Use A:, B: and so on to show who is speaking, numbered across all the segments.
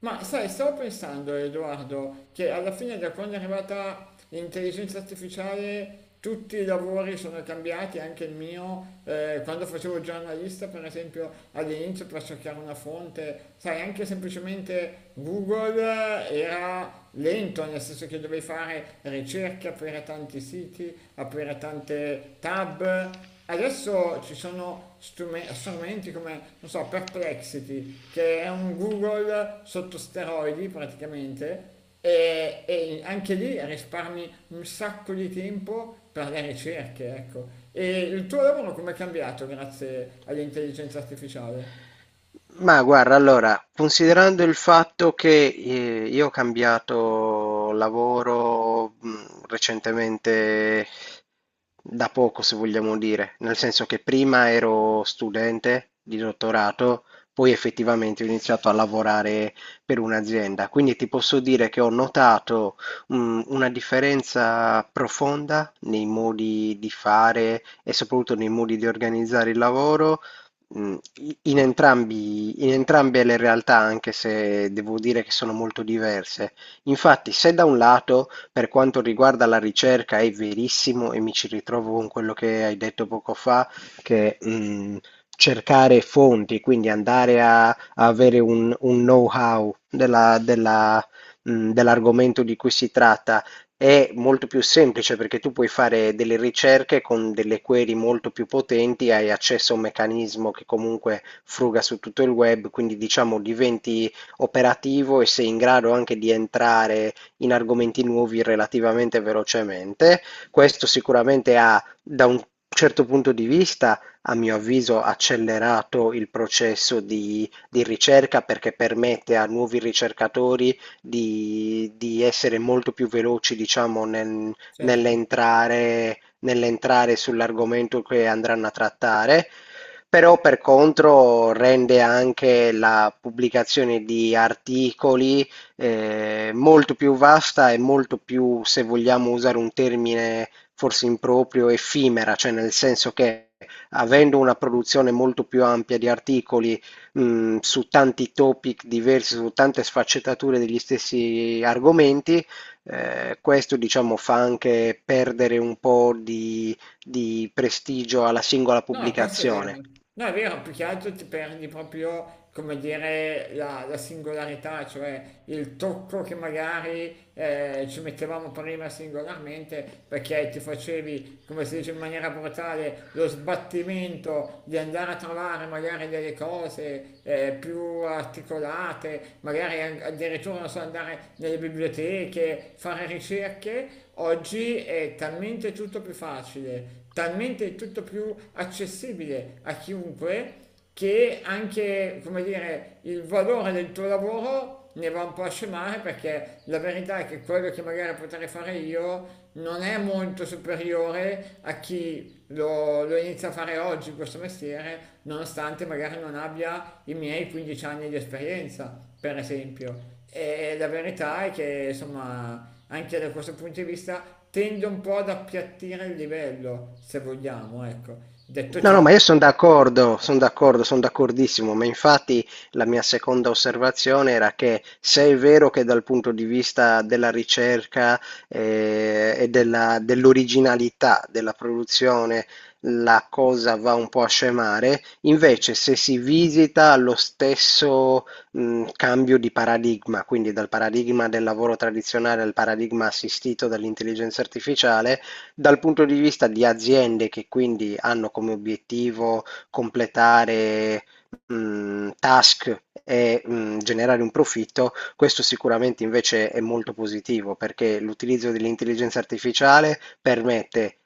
A: Ma sai, stavo pensando, Edoardo, che alla fine da quando è arrivata l'intelligenza artificiale tutti i lavori sono cambiati, anche il mio, quando facevo il giornalista, per esempio, all'inizio per cercare una fonte, sai, anche semplicemente Google era lento, nel senso che dovevi fare ricerche, aprire tanti siti, aprire tante tab, adesso ci sono strumenti come, non so, Perplexity, che è un Google sotto steroidi praticamente, e anche lì risparmi un sacco di tempo per le ricerche, ecco. E il tuo lavoro come è cambiato grazie all'intelligenza artificiale?
B: Ma guarda, allora, considerando il fatto che io ho cambiato lavoro recentemente da poco, se vogliamo dire, nel senso che prima ero studente di dottorato, poi effettivamente ho iniziato a lavorare per un'azienda, quindi ti posso dire che ho notato una differenza profonda nei modi di fare e soprattutto nei modi di organizzare il lavoro. Mm. In entrambe le realtà, anche se devo dire che sono molto diverse. Infatti, se da un lato, per quanto riguarda la ricerca, è verissimo e mi ci ritrovo con quello che hai detto poco fa, che cercare fonti, quindi andare a avere un know-how della dell'argomento di cui si tratta è molto più semplice perché tu puoi fare delle ricerche con delle query molto più potenti, hai accesso a un meccanismo che comunque fruga su tutto il web, quindi diciamo diventi operativo e sei in grado anche di entrare in argomenti nuovi relativamente velocemente. Questo sicuramente ha, da un certo punto di vista, a mio avviso, accelerato il processo di ricerca perché permette a nuovi ricercatori di essere molto più veloci, diciamo,
A: Certo.
B: nell'entrare, nell'entrare sull'argomento che andranno a trattare, però per contro rende anche la pubblicazione di articoli molto più vasta e molto più, se vogliamo usare un termine forse improprio, effimera, cioè nel senso che avendo una produzione molto più ampia di articoli su tanti topic diversi, su tante sfaccettature degli stessi argomenti. Questo, diciamo, fa anche perdere un po' di prestigio alla singola
A: No, questo è vero.
B: pubblicazione.
A: No, è vero, più che altro ti perdi proprio, come dire, la singolarità, cioè il tocco che magari ci mettevamo prima singolarmente perché ti facevi, come si dice in maniera brutale, lo sbattimento di andare a trovare magari delle cose più articolate, magari addirittura non so, andare nelle biblioteche, fare ricerche, oggi è talmente tutto più facile, talmente tutto più accessibile a chiunque che anche, come dire, il valore del tuo lavoro ne va un po' a scemare perché la verità è che quello che magari potrei fare io non è molto superiore a chi lo inizio a fare oggi questo mestiere, nonostante magari non abbia i miei 15 anni di esperienza, per esempio. E la verità è che, insomma, anche da questo punto di vista tende un po' ad appiattire il livello, se vogliamo, ecco. Detto
B: No, no, ma
A: ciò,
B: io sono d'accordo, sono d'accordo, sono d'accordissimo, ma infatti la mia seconda osservazione era che, se è vero che dal punto di vista della ricerca e dell'originalità della produzione la cosa va un po' a scemare, invece se si visita lo stesso cambio di paradigma, quindi dal paradigma del lavoro tradizionale al paradigma assistito dall'intelligenza artificiale, dal punto di vista di aziende che quindi hanno come obiettivo completare, task e generare un profitto, questo sicuramente invece è molto positivo perché l'utilizzo dell'intelligenza artificiale permette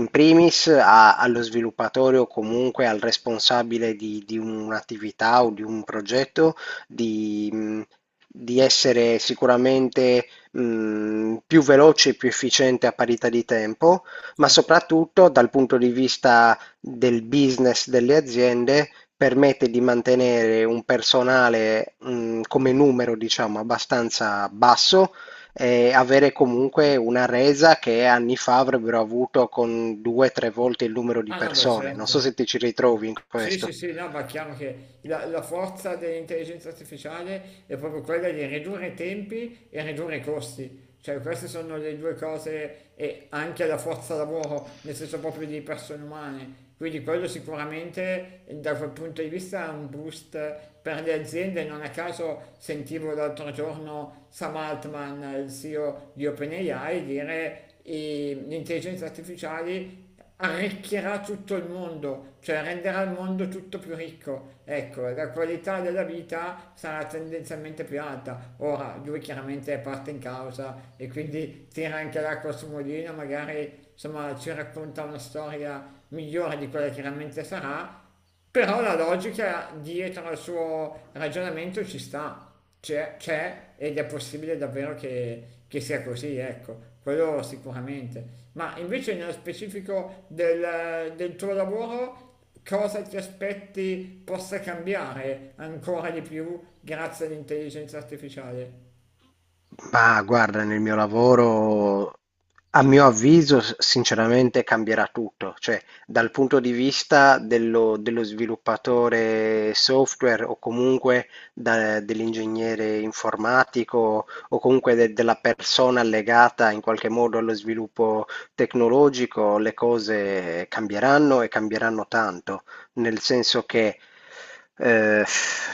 B: in primis allo sviluppatore o comunque al responsabile di un'attività o di un progetto di di essere sicuramente più veloce e più efficiente a parità di tempo, ma
A: cioè-
B: soprattutto dal punto di vista del business delle aziende permette di mantenere un personale come numero, diciamo, abbastanza basso e avere comunque una resa che anni fa avrebbero avuto con due o tre volte il numero di
A: ah no, beh,
B: persone. Non
A: certo.
B: so se ti ci ritrovi in
A: Sì, sì,
B: questo.
A: sì, no, ma è chiaro che la forza dell'intelligenza artificiale è proprio quella di ridurre i tempi e ridurre i costi. Cioè, queste sono le due cose, e anche la forza lavoro, nel senso proprio di persone umane. Quindi quello sicuramente da quel punto di vista è un boost per le aziende. Non a caso sentivo l'altro giorno Sam Altman, il CEO di OpenAI, dire e l'intelligenza artificiale arricchirà tutto il mondo, cioè renderà il mondo tutto più ricco. Ecco, la qualità della vita sarà tendenzialmente più alta. Ora, lui chiaramente è parte in causa e quindi tira anche l'acqua sul mulino, magari insomma ci racconta una storia migliore di quella che realmente sarà, però la logica dietro al suo ragionamento ci sta, c'è ed è possibile davvero che sia così, ecco, quello sicuramente. Ma invece nello specifico del tuo lavoro, cosa ti aspetti possa cambiare ancora di più grazie all'intelligenza artificiale?
B: Ma guarda, nel mio lavoro, a mio avviso, sinceramente cambierà tutto, cioè dal punto di vista dello, dello sviluppatore software o comunque dell'ingegnere informatico o comunque della persona legata in qualche modo allo sviluppo tecnologico, le cose cambieranno e cambieranno tanto, nel senso che eh,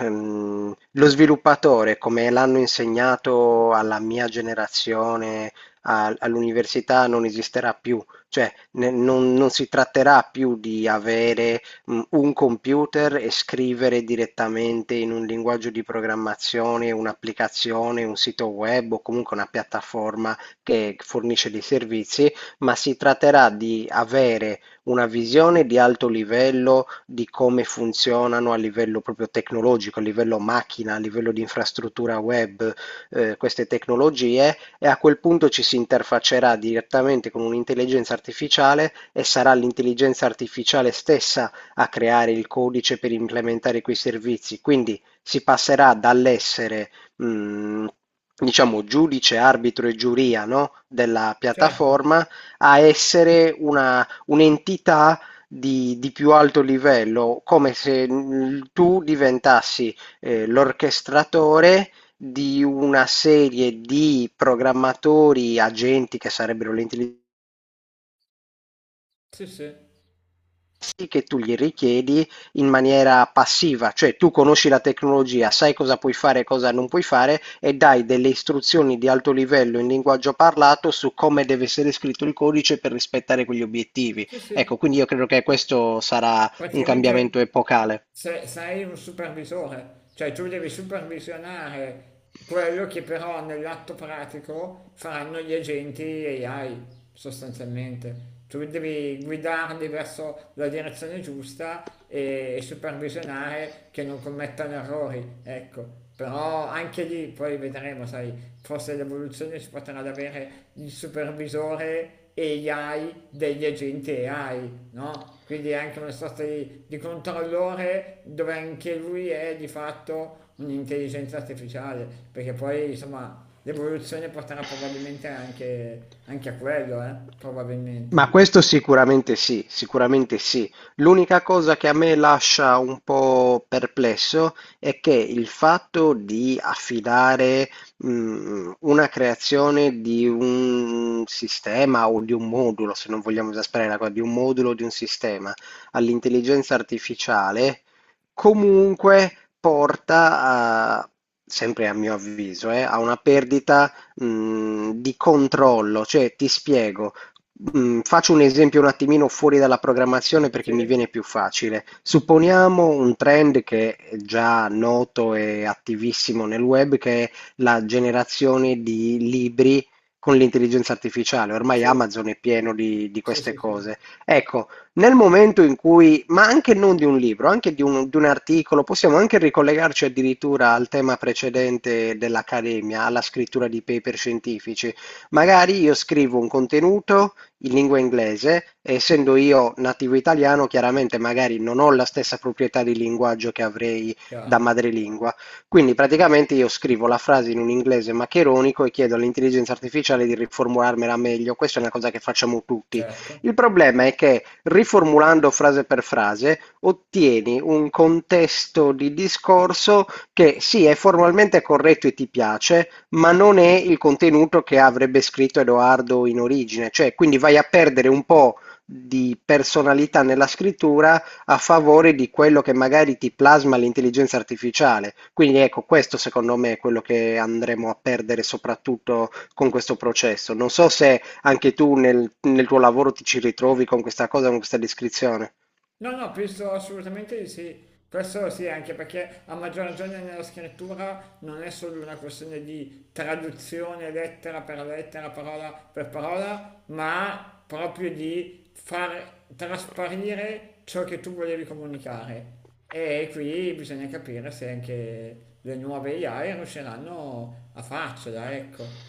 B: lo sviluppatore, come l'hanno insegnato alla mia generazione, all'università, non esisterà più. Cioè, non si tratterà più di avere un computer e scrivere direttamente in un linguaggio di programmazione un'applicazione, un sito web o comunque una piattaforma che fornisce dei servizi, ma si tratterà di avere una visione di alto livello di come funzionano a livello proprio tecnologico, a livello macchina, a livello di infrastruttura web, queste tecnologie, e a quel punto ci si interfaccerà direttamente con un'intelligenza artificiale e sarà l'intelligenza artificiale stessa a creare il codice per implementare quei servizi. Quindi si passerà dall'essere, diciamo, giudice, arbitro e giuria, no? della
A: Certo,
B: piattaforma a essere una un'entità di più alto livello, come se tu diventassi l'orchestratore di una serie di programmatori, agenti che sarebbero l'intelligenza,
A: sì, sì,
B: servizi che tu gli richiedi in maniera passiva, cioè tu conosci la tecnologia, sai cosa puoi fare e cosa non puoi fare e dai delle istruzioni di alto livello in linguaggio parlato su come deve essere scritto il codice per rispettare quegli obiettivi.
A: sì,
B: Ecco,
A: sì.
B: quindi io credo che questo sarà un
A: Praticamente
B: cambiamento epocale.
A: sei un supervisore, cioè tu devi supervisionare quello che però nell'atto pratico faranno gli agenti AI sostanzialmente. Tu devi guidarli verso la direzione giusta e supervisionare che non commettano errori, ecco. Però anche lì poi vedremo, sai, forse l'evoluzione si potrà ad avere il supervisore AI degli agenti AI, no? Quindi è anche una sorta di, controllore dove anche lui è di fatto un'intelligenza artificiale, perché poi insomma l'evoluzione porterà probabilmente anche a quello, eh?
B: Ma
A: Probabilmente.
B: questo sicuramente sì, sicuramente sì. L'unica cosa che a me lascia un po' perplesso è che il fatto di affidare una creazione di un sistema o di un modulo, se non vogliamo esasperare la cosa, di un modulo o di un sistema all'intelligenza artificiale. Comunque porta a, sempre a mio avviso, a una perdita, di controllo. Cioè, ti spiego. Mm, faccio un esempio un attimino fuori dalla programmazione
A: Sì,
B: perché mi viene più facile. Supponiamo un trend che è già noto e attivissimo nel web, che è la generazione di libri con l'intelligenza artificiale. Ormai
A: sì,
B: Amazon è pieno di
A: sì,
B: queste
A: sì, sì,
B: cose. Ecco, nel momento in cui, ma anche non di un libro, anche di un articolo, possiamo anche ricollegarci addirittura al tema precedente dell'accademia, alla scrittura di paper scientifici. Magari io scrivo un contenuto in lingua inglese, e essendo io nativo italiano, chiaramente magari non ho la stessa proprietà di linguaggio che avrei da
A: chiaro,
B: madrelingua. Quindi praticamente io scrivo la frase in un inglese maccheronico e chiedo all'intelligenza artificiale di riformularmela meglio. Questa è una cosa che facciamo tutti.
A: certo.
B: Il problema è che riformulando frase per frase ottieni un contesto di discorso che sì, è formalmente corretto e ti piace, ma non è il contenuto che avrebbe scritto Edoardo in origine, cioè quindi vai a perdere un po' di personalità nella scrittura a favore di quello che magari ti plasma l'intelligenza artificiale. Quindi ecco, questo secondo me è quello che andremo a perdere soprattutto con questo processo. Non so se anche tu nel, nel tuo lavoro ti ci ritrovi con questa cosa, con questa descrizione.
A: No, no, penso assolutamente di sì. Questo sì, anche perché a maggior ragione nella scrittura non è solo una questione di traduzione lettera per lettera, parola per parola, ma proprio di far trasparire ciò che tu volevi comunicare. E qui bisogna capire se anche le nuove AI riusciranno a farcela, ecco.